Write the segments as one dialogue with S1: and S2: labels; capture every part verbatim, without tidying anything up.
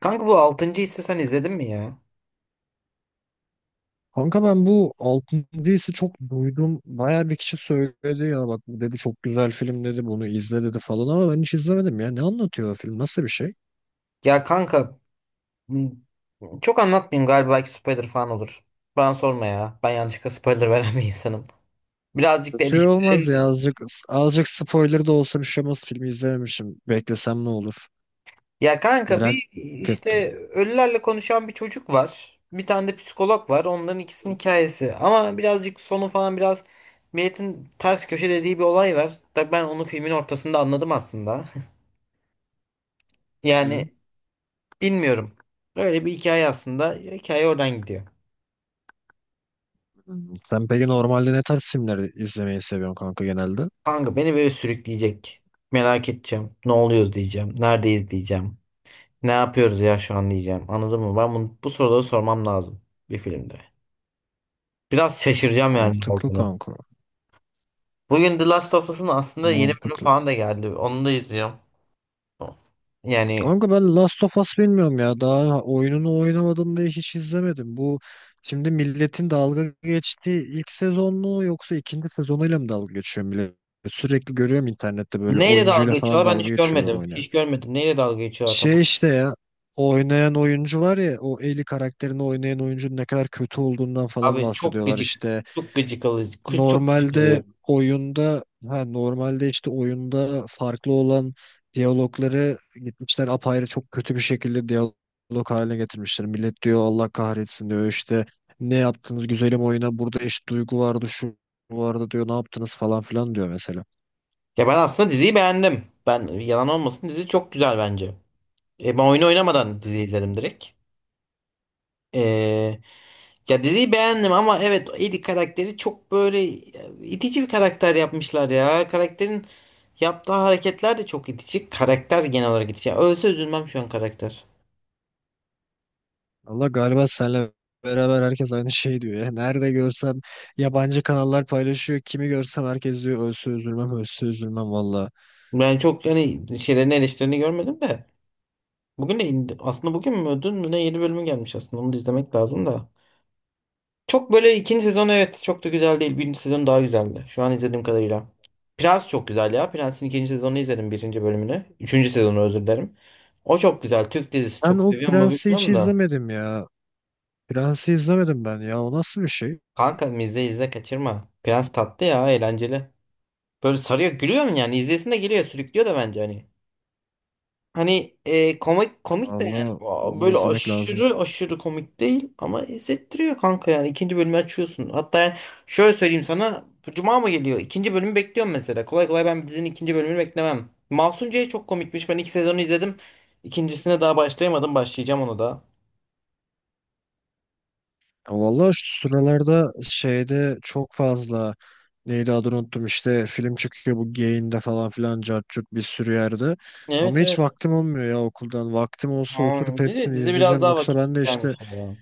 S1: Kanka bu altıncı hissi sen izledin mi ya?
S2: Kanka ben bu Altın Değils'i çok duydum. Bayağı bir kişi söyledi ya, bak bu dedi, çok güzel film dedi, bunu izle dedi falan ama ben hiç izlemedim ya. Ne anlatıyor o film? Nasıl bir şey?
S1: Ya kanka m- çok anlatmayayım galiba belki spoiler falan olur. Bana sorma ya. Ben yanlışlıkla spoiler veren bir insanım. Birazcık deli.
S2: Şey olmaz ya, azıcık azıcık spoiler da olsa bir şey olmaz. Filmi izlememişim. Beklesem ne olur?
S1: Ya kanka
S2: Merak
S1: bir işte
S2: ettim.
S1: ölülerle konuşan bir çocuk var. Bir tane de psikolog var. Onların ikisinin
S2: Hı?
S1: hikayesi. Ama birazcık sonu falan biraz milletin ters köşe dediği bir olay var. Da ben onu filmin ortasında anladım aslında. Yani
S2: Hı.
S1: bilmiyorum. Öyle bir hikaye aslında. Hikaye oradan gidiyor.
S2: Sen peki normalde ne tarz filmleri izlemeyi seviyorsun kanka genelde?
S1: Kanka beni böyle sürükleyecek. Merak edeceğim. Ne oluyoruz diyeceğim. Neredeyiz diyeceğim. Ne yapıyoruz ya şu an diyeceğim. Anladın mı? Ben bunu, bu soruları sormam lazım bir filmde. Biraz şaşıracağım yani ne
S2: Mantıklı
S1: olduğunu.
S2: kanka.
S1: Bugün The Last of Us'ın aslında yeni bölüm
S2: Mantıklı.
S1: falan da geldi. Onu da izliyorum. Yani
S2: Kanka ben Last of Us bilmiyorum ya. Daha oyununu oynamadım diye hiç izlemedim. Bu şimdi milletin dalga geçtiği ilk sezon mu yoksa ikinci sezonuyla mı dalga geçiyor millet? Sürekli görüyorum internette, böyle
S1: neyle
S2: oyuncuyla
S1: dalga
S2: falan
S1: geçiyorlar ben
S2: dalga
S1: hiç
S2: geçiyorlar
S1: görmedim.
S2: oynayan.
S1: Hiç görmedim. Neyle dalga geçiyorlar tamam.
S2: Şey işte ya, oynayan oyuncu var ya, o Ellie karakterini oynayan oyuncunun ne kadar kötü olduğundan falan
S1: Abi çok
S2: bahsediyorlar
S1: gıcık.
S2: işte.
S1: Çok gıcık alıcı. Çok gıcık
S2: Normalde
S1: alıyor.
S2: oyunda ha normalde işte oyunda farklı olan diyalogları gitmişler, apayrı çok kötü bir şekilde diyalog haline getirmişler. Millet diyor Allah kahretsin diyor, işte ne yaptınız güzelim oyuna, burada eşit duygu vardı şu vardı diyor, ne yaptınız falan filan diyor mesela.
S1: Ya ben aslında diziyi beğendim. Ben yalan olmasın dizi çok güzel bence. E ben oyunu oynamadan dizi izledim direkt. Ee, ya diziyi beğendim ama evet Eddie karakteri çok böyle itici bir karakter yapmışlar ya. Karakterin yaptığı hareketler de çok itici. Karakter genel olarak itici. Ya ölse üzülmem şu an karakter.
S2: Allah galiba senle beraber herkes aynı şey diyor ya. Nerede görsem yabancı kanallar paylaşıyor. Kimi görsem herkes diyor ölse üzülmem, ölse üzülmem valla.
S1: Ben çok hani şeylerin eleştirilerini görmedim de. Bugün de indi- aslında bugün mü dün mü ne yeni bölümü gelmiş aslında onu da izlemek lazım da. Çok böyle ikinci sezon evet çok da güzel değil. Birinci sezon daha güzeldi. Şu an izlediğim kadarıyla. Prens çok güzel ya. Prens'in ikinci sezonunu izledim birinci bölümünü. Üçüncü sezonu özür dilerim. O çok güzel. Türk dizisi
S2: Ben
S1: çok
S2: o
S1: seviyorum ama
S2: Prens'i hiç
S1: bilmiyorum da.
S2: izlemedim ya. Prens'i izlemedim ben ya. O nasıl bir şey?
S1: Kanka izle izle kaçırma. Prens tatlı ya eğlenceli. Böyle sarıyor gülüyor mu yani? İzlesin de geliyor sürüklüyor da bence hani. Hani e, komik komik de
S2: Vallahi
S1: yani. Aa,
S2: onu
S1: böyle
S2: izlemek lazım.
S1: aşırı aşırı komik değil ama hissettiriyor kanka yani ikinci bölümü açıyorsun. Hatta yani şöyle söyleyeyim sana. Cuma mı geliyor? İkinci bölümü bekliyorum mesela. Kolay kolay ben dizinin ikinci bölümünü beklemem. Mahsun C'ye çok komikmiş. Ben iki sezonu izledim. İkincisine daha başlayamadım. Başlayacağım onu da.
S2: Ya vallahi şu sıralarda şeyde çok fazla, neydi adını unuttum, işte film çıkıyor bu Gain'de falan filan, cart curt, bir sürü yerde. Ama
S1: Evet,
S2: hiç
S1: evet.
S2: vaktim olmuyor ya okuldan. Vaktim olsa
S1: Ha,
S2: oturup
S1: dizi,
S2: hepsini
S1: dizi biraz
S2: izleyeceğim.
S1: daha
S2: Yoksa
S1: vakit
S2: ben de
S1: isteyen bir
S2: işte,
S1: şey ya.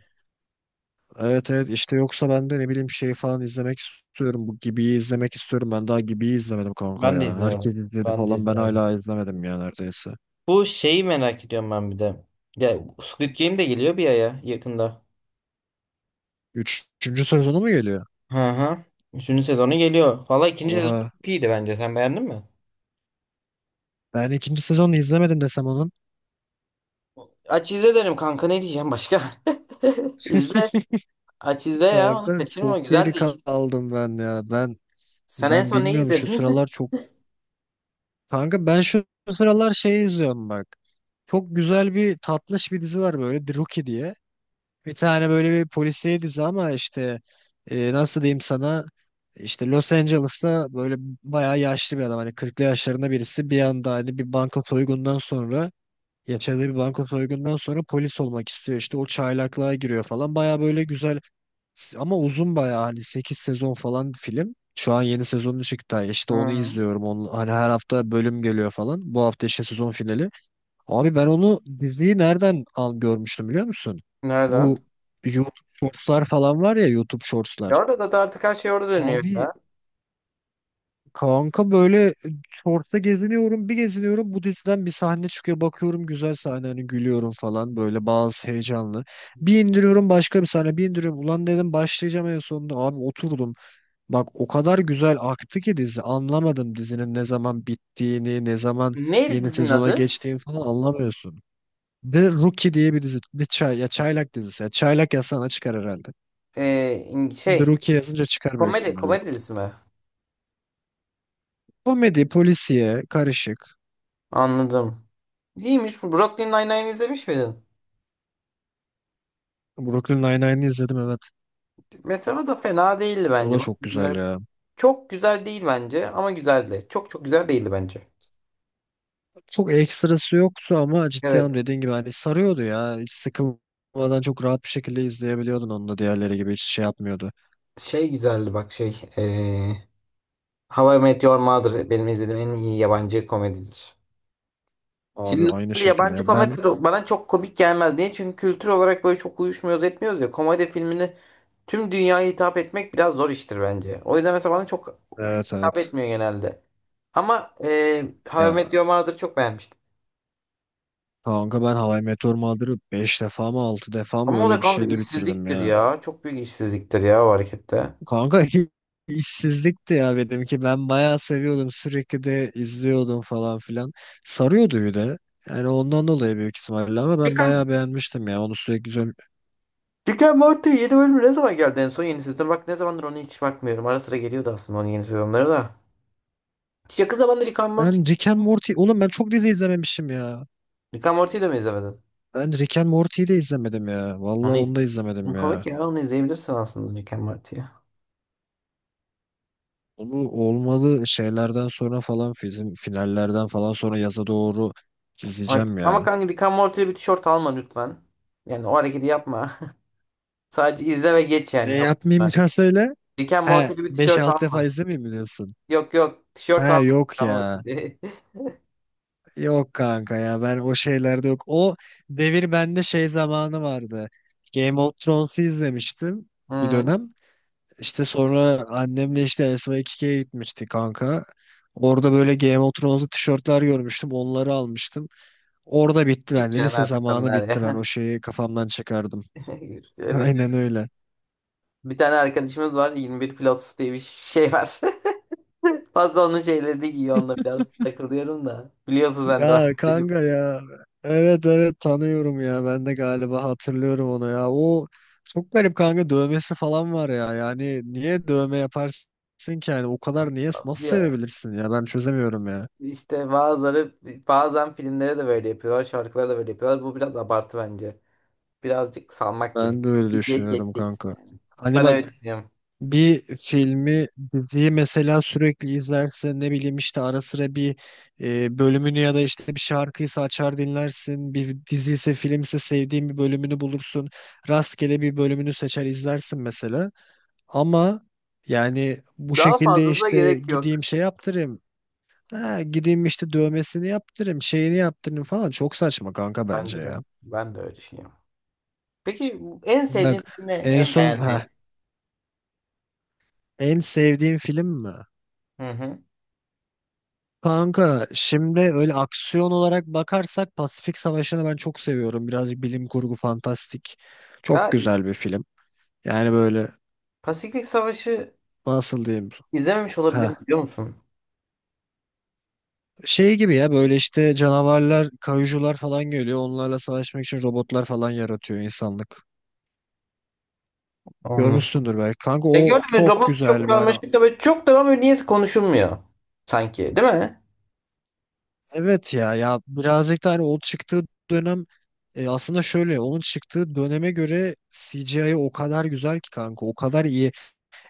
S2: evet evet, işte yoksa ben de ne bileyim şey falan izlemek istiyorum. Bu Gibi'yi izlemek istiyorum. Ben daha Gibi'yi izlemedim kanka
S1: Ben de
S2: ya.
S1: izlemedim.
S2: Herkes izledi
S1: Ben de
S2: falan, ben
S1: izlemedim.
S2: hala izlemedim ya neredeyse.
S1: Bu şeyi merak ediyorum ben bir de. Ya Squid Game de geliyor bir aya yakında.
S2: Üç- Üçüncü sezonu mu geliyor?
S1: Hı hı. Üçüncü sezonu geliyor. Valla ikinci sezon
S2: Oha.
S1: çok iyiydi bence. Sen beğendin mi?
S2: Ben ikinci sezonu izlemedim desem onun.
S1: Aç izle derim kanka ne diyeceğim başka? İzle. Aç izle ya onu
S2: Kanka
S1: kaçırma.
S2: çok
S1: Güzel
S2: geri
S1: de iki.
S2: kaldım ben ya. Ben
S1: Sen en
S2: ben
S1: son neyi
S2: bilmiyorum şu
S1: izledin?
S2: sıralar çok. Kanka ben şu sıralar şey izliyorum bak. Çok güzel bir tatlış bir dizi var böyle, The Rookie diye. Bir tane böyle bir polisiye dizi ama işte, e, nasıl diyeyim sana, işte Los Angeles'ta böyle bayağı yaşlı bir adam, hani kırklı yaşlarında birisi bir anda, hani bir banka soygundan sonra, ya bir banka soygundan sonra polis olmak istiyor. İşte o çaylaklığa giriyor falan. Baya böyle güzel ama uzun, baya hani sekiz sezon falan film. Şu an yeni sezonu çıktı. İşte onu
S1: Hı.
S2: izliyorum. Onun, hani her hafta bölüm geliyor falan. Bu hafta işte sezon finali. Abi ben onu diziyi nereden al görmüştüm biliyor musun?
S1: Nereden?
S2: Bu YouTube Shorts'lar falan var ya, YouTube
S1: Ya
S2: Shorts'lar.
S1: orada da artık her şey orada dönüyor ya.
S2: Abi kanka böyle, e, shorts'ta geziniyorum, bir geziniyorum, bu diziden bir sahne çıkıyor, bakıyorum güzel sahne hani, gülüyorum falan, böyle bazı heyecanlı. Bir indiriyorum başka bir sahne, bir indiriyorum, ulan dedim başlayacağım en sonunda, abi oturdum. Bak o kadar güzel aktı ki dizi, anlamadım dizinin ne zaman bittiğini, ne zaman
S1: Neydi
S2: yeni
S1: dizinin
S2: sezona
S1: adı?
S2: geçtiğini falan anlamıyorsun. The Rookie diye bir dizi. The Çay, ya Çaylak dizisi. Ya Çaylak yazsana çıkar herhalde.
S1: Ee, in-
S2: The
S1: şey.
S2: Rookie yazınca çıkar büyük
S1: Komedi.
S2: ihtimalle.
S1: Komedi dizisi mi?
S2: Komedi, polisiye, karışık.
S1: Anladım. İyiymiş. Brooklyn Nine-Nine izlemiş miydin?
S2: Brooklyn Nine-Nine'i izledim evet.
S1: Mesela da fena değildi
S2: O
S1: bence.
S2: da
S1: Bak,
S2: çok güzel
S1: bunları-
S2: ya.
S1: çok güzel değil bence ama güzeldi. Çok çok güzel değildi bence.
S2: Çok ekstrası yoktu ama ciddi
S1: Evet.
S2: anlamda dediğin gibi hani sarıyordu ya. Hiç sıkılmadan çok rahat bir şekilde izleyebiliyordun onu da, diğerleri gibi hiç şey yapmıyordu.
S1: Şey güzeldi bak şey. eee How I Met Your Mother benim izlediğim en iyi yabancı komedidir. Şimdi
S2: Abi aynı
S1: normalde
S2: şekilde
S1: yabancı
S2: ya.
S1: komedi
S2: Ben
S1: bana çok komik gelmez. Niye? Çünkü kültür olarak böyle çok uyuşmuyoruz etmiyoruz ya. Komedi filmini tüm dünyaya hitap etmek biraz zor iştir bence. O yüzden mesela bana çok
S2: evet, evet.
S1: hitap etmiyor genelde. Ama eee How I
S2: Ya
S1: Met Your Mother'ı çok beğenmiştim.
S2: kanka, ben How I Met Your Mother'ı beş defa mı altı defa mı
S1: Ama o
S2: öyle
S1: da
S2: bir
S1: kanka
S2: şeyde bitirdim
S1: işsizliktir
S2: ya.
S1: ya. Çok büyük işsizliktir ya o harekette.
S2: Kanka işsizlikti ya benimki. Ben bayağı seviyordum. Sürekli de izliyordum falan filan. Sarıyordu bir de. Yani ondan dolayı büyük ihtimalle ama ben
S1: Peki
S2: bayağı beğenmiştim ya. Onu sürekli izliyorum.
S1: Rick and Morty yeni bölümü ne zaman geldi en son yeni sezon? Bak ne zamandır ona hiç bakmıyorum. Ara sıra geliyordu aslında onun yeni sezonları da. Hiç yakın zamanda Rick and Morty.
S2: Ben Rick and Morty. Oğlum ben çok dizi izlememişim ya.
S1: Rick and Morty'yi de mi izlemedin?
S2: Ben Rick and Morty'yi de izlemedim ya. Vallahi onu da
S1: Onu
S2: izlemedim
S1: komik
S2: ya.
S1: ya onu izleyebilirsin aslında Rick and Morty'yi.
S2: Onu olmalı şeylerden sonra falan film, finallerden falan sonra yaza doğru
S1: Ay.
S2: izleyeceğim
S1: Ama
S2: ya.
S1: kanka Rick and Morty'de bir tişört alma lütfen. Yani o hareketi yapma. Sadece izle ve geç
S2: Ne
S1: yani.
S2: yapmayayım bir
S1: Yapma.
S2: daha söyle.
S1: Rick and
S2: He
S1: Morty'de bir
S2: beş
S1: tişört
S2: altı defa
S1: alma.
S2: izlemeyeyim mi diyorsun?
S1: Yok yok tişört
S2: He
S1: alma
S2: yok
S1: Rick and
S2: ya.
S1: Morty'de.
S2: Yok kanka ya, ben o şeylerde yok. O devir bende şey zamanı vardı. Game of Thrones'u izlemiştim bir
S1: Hmm.
S2: dönem. İşte sonra annemle işte S Y iki K'ye gitmiştik kanka. Orada böyle Game of Thrones'lu tişörtler görmüştüm. Onları almıştım. Orada bitti
S1: Küçük
S2: bende.
S1: yani
S2: Lise
S1: artık
S2: zamanı
S1: onlar
S2: bitti ben. O
S1: ya.
S2: şeyi kafamdan çıkardım.
S1: Evet.
S2: Aynen öyle.
S1: Bir tane arkadaşımız var yirmi bir Plus diye bir şey var. Fazla onun şeylerini giyiyor onunla biraz takılıyorum da. Biliyorsun sen de o
S2: Ya
S1: arkadaşım.
S2: kanka ya. Evet evet, tanıyorum ya. Ben de galiba hatırlıyorum onu ya. O çok garip kanka, dövmesi falan var ya. Yani niye dövme yaparsın ki yani? O kadar niye, nasıl
S1: Bir-
S2: sevebilirsin ya? Ben çözemiyorum ya.
S1: İşte bazıları bazen filmlere de böyle yapıyorlar, şarkılara da böyle yapıyorlar. Bu biraz abartı bence. Birazcık salmak gerek.
S2: Ben de öyle
S1: İzleyip
S2: düşünüyorum
S1: geçeceksin
S2: kanka.
S1: yani.
S2: Hani
S1: Ben öyle
S2: bak,
S1: düşünüyorum.
S2: bir filmi, diziyi mesela sürekli izlersin. Ne bileyim işte ara sıra bir e, bölümünü ya da işte bir şarkıysa açar dinlersin. Bir dizi ise film ise sevdiğin bir bölümünü bulursun. Rastgele bir bölümünü seçer izlersin mesela. Ama yani bu
S1: Daha
S2: şekilde,
S1: fazlasına
S2: işte
S1: gerek yok.
S2: gideyim şey yaptırayım. Ha, gideyim işte dövmesini yaptırayım, şeyini yaptırayım falan. Çok saçma kanka bence
S1: Bence de.
S2: ya.
S1: Ben de öyle düşünüyorum. Peki bu- en sevdiğin
S2: Bak
S1: film ne?
S2: en
S1: En
S2: son, ha
S1: beğendiğin?
S2: en sevdiğim film mi?
S1: Hı hı.
S2: Kanka şimdi, öyle aksiyon olarak bakarsak, Pasifik Savaşı'nı ben çok seviyorum. Birazcık bilim kurgu fantastik. Çok
S1: Ya
S2: güzel bir film. Yani böyle
S1: Pasifik Savaşı
S2: nasıl diyeyim?
S1: izlememiş olabilirim
S2: Ha.
S1: biliyor musun?
S2: Şey gibi ya, böyle işte canavarlar, kayucular falan geliyor. Onlarla savaşmak için robotlar falan yaratıyor insanlık. Görmüşsündür belki. Kanka
S1: E
S2: o
S1: gördün mü
S2: çok
S1: robot
S2: güzel
S1: çok
S2: bir hani,
S1: karmaşık da böyle çok da böyle niyeyse konuşulmuyor sanki değil mi?
S2: evet ya ya birazcık da hani o çıktığı dönem, e, aslında şöyle onun çıktığı döneme göre C G I o kadar güzel ki kanka, o kadar iyi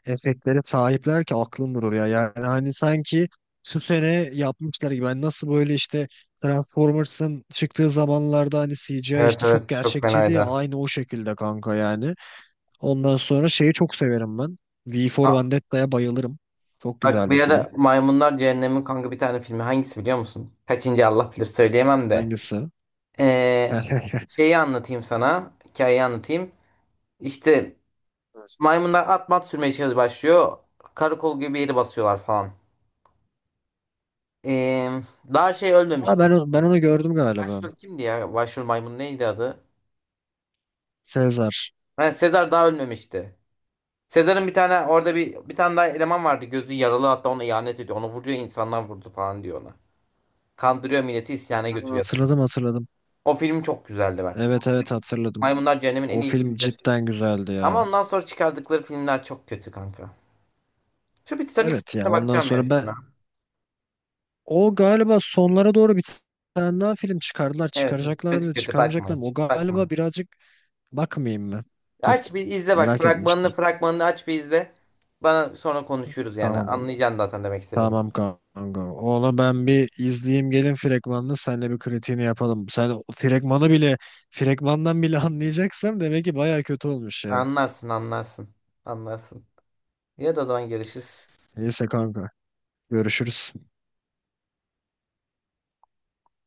S2: efektlere sahipler ki aklım durur ya. Yani hani sanki şu sene yapmışlar gibi. Ben nasıl böyle işte Transformers'ın çıktığı zamanlarda hani C G I
S1: Evet,
S2: işte çok
S1: evet, çok
S2: gerçekçiydi ya,
S1: fenaydı.
S2: aynı o şekilde kanka yani. Ondan sonra şeyi çok severim ben. V for
S1: Aa,
S2: Vendetta'ya bayılırım. Çok
S1: bak
S2: güzel bir
S1: bir
S2: film.
S1: ara Maymunlar Cehennem'in kanka bir tane filmi hangisi biliyor musun? Kaçıncı Allah bilir söyleyemem de.
S2: Hangisi?
S1: Ee, Şeyi anlatayım sana. Hikayeyi anlatayım. İşte maymunlar at mat sürmeye şey- başlıyor. Karakol gibi bir yeri basıyorlar falan. Ee, Daha şey
S2: Aa,
S1: ölmemişti
S2: ben, onu- ben
S1: işte.
S2: onu gördüm galiba.
S1: Başrol kimdi ya? Başrol maymun neydi adı?
S2: Sezar.
S1: Ha, Sezar daha ölmemişti. Sezar'ın bir tane orada bir bir tane daha eleman vardı. Gözü yaralı hatta ona ihanet ediyor. Onu vuruyor insanlar vurdu falan diyor ona. Kandırıyor milleti isyana
S2: Ben onu
S1: götürüyor sanki.
S2: Hatırladım hatırladım.
S1: O film çok güzeldi bak.
S2: Evet evet hatırladım.
S1: Maymunlar Cehennem'in en
S2: O
S1: iyi
S2: film
S1: filmidir.
S2: cidden güzeldi
S1: Ama
S2: ya.
S1: ondan sonra çıkardıkları filmler çok kötü kanka. Şu bir Titanic
S2: Evet ya
S1: sahnesine
S2: ondan
S1: bakacağım ya.
S2: sonra ben.
S1: Şuna.
S2: O galiba sonlara doğru bir tane daha film çıkardılar.
S1: Evet, evet.
S2: Çıkaracaklar
S1: Kötü
S2: mı
S1: kötü bakma
S2: çıkarmayacaklar mı?
S1: hiç.
S2: O galiba
S1: Bakma.
S2: birazcık bakmayayım mı? Tüh,
S1: Aç bir izle bak.
S2: merak
S1: Fragmanını
S2: etmiştim.
S1: fragmanını aç bir izle. Bana sonra konuşuruz yani.
S2: Tamam.
S1: Anlayacaksın zaten demek istediğimi.
S2: Tamam kanka. Onu ben bir izleyeyim, gelin fragmanını senle bir kritiğini yapalım. Sen o fragmanı bile, fragmandan bile anlayacaksam demek ki baya kötü olmuş ya.
S1: Anlarsın anlarsın. Anlarsın. Ya da o zaman görüşürüz.
S2: Neyse kanka. Görüşürüz.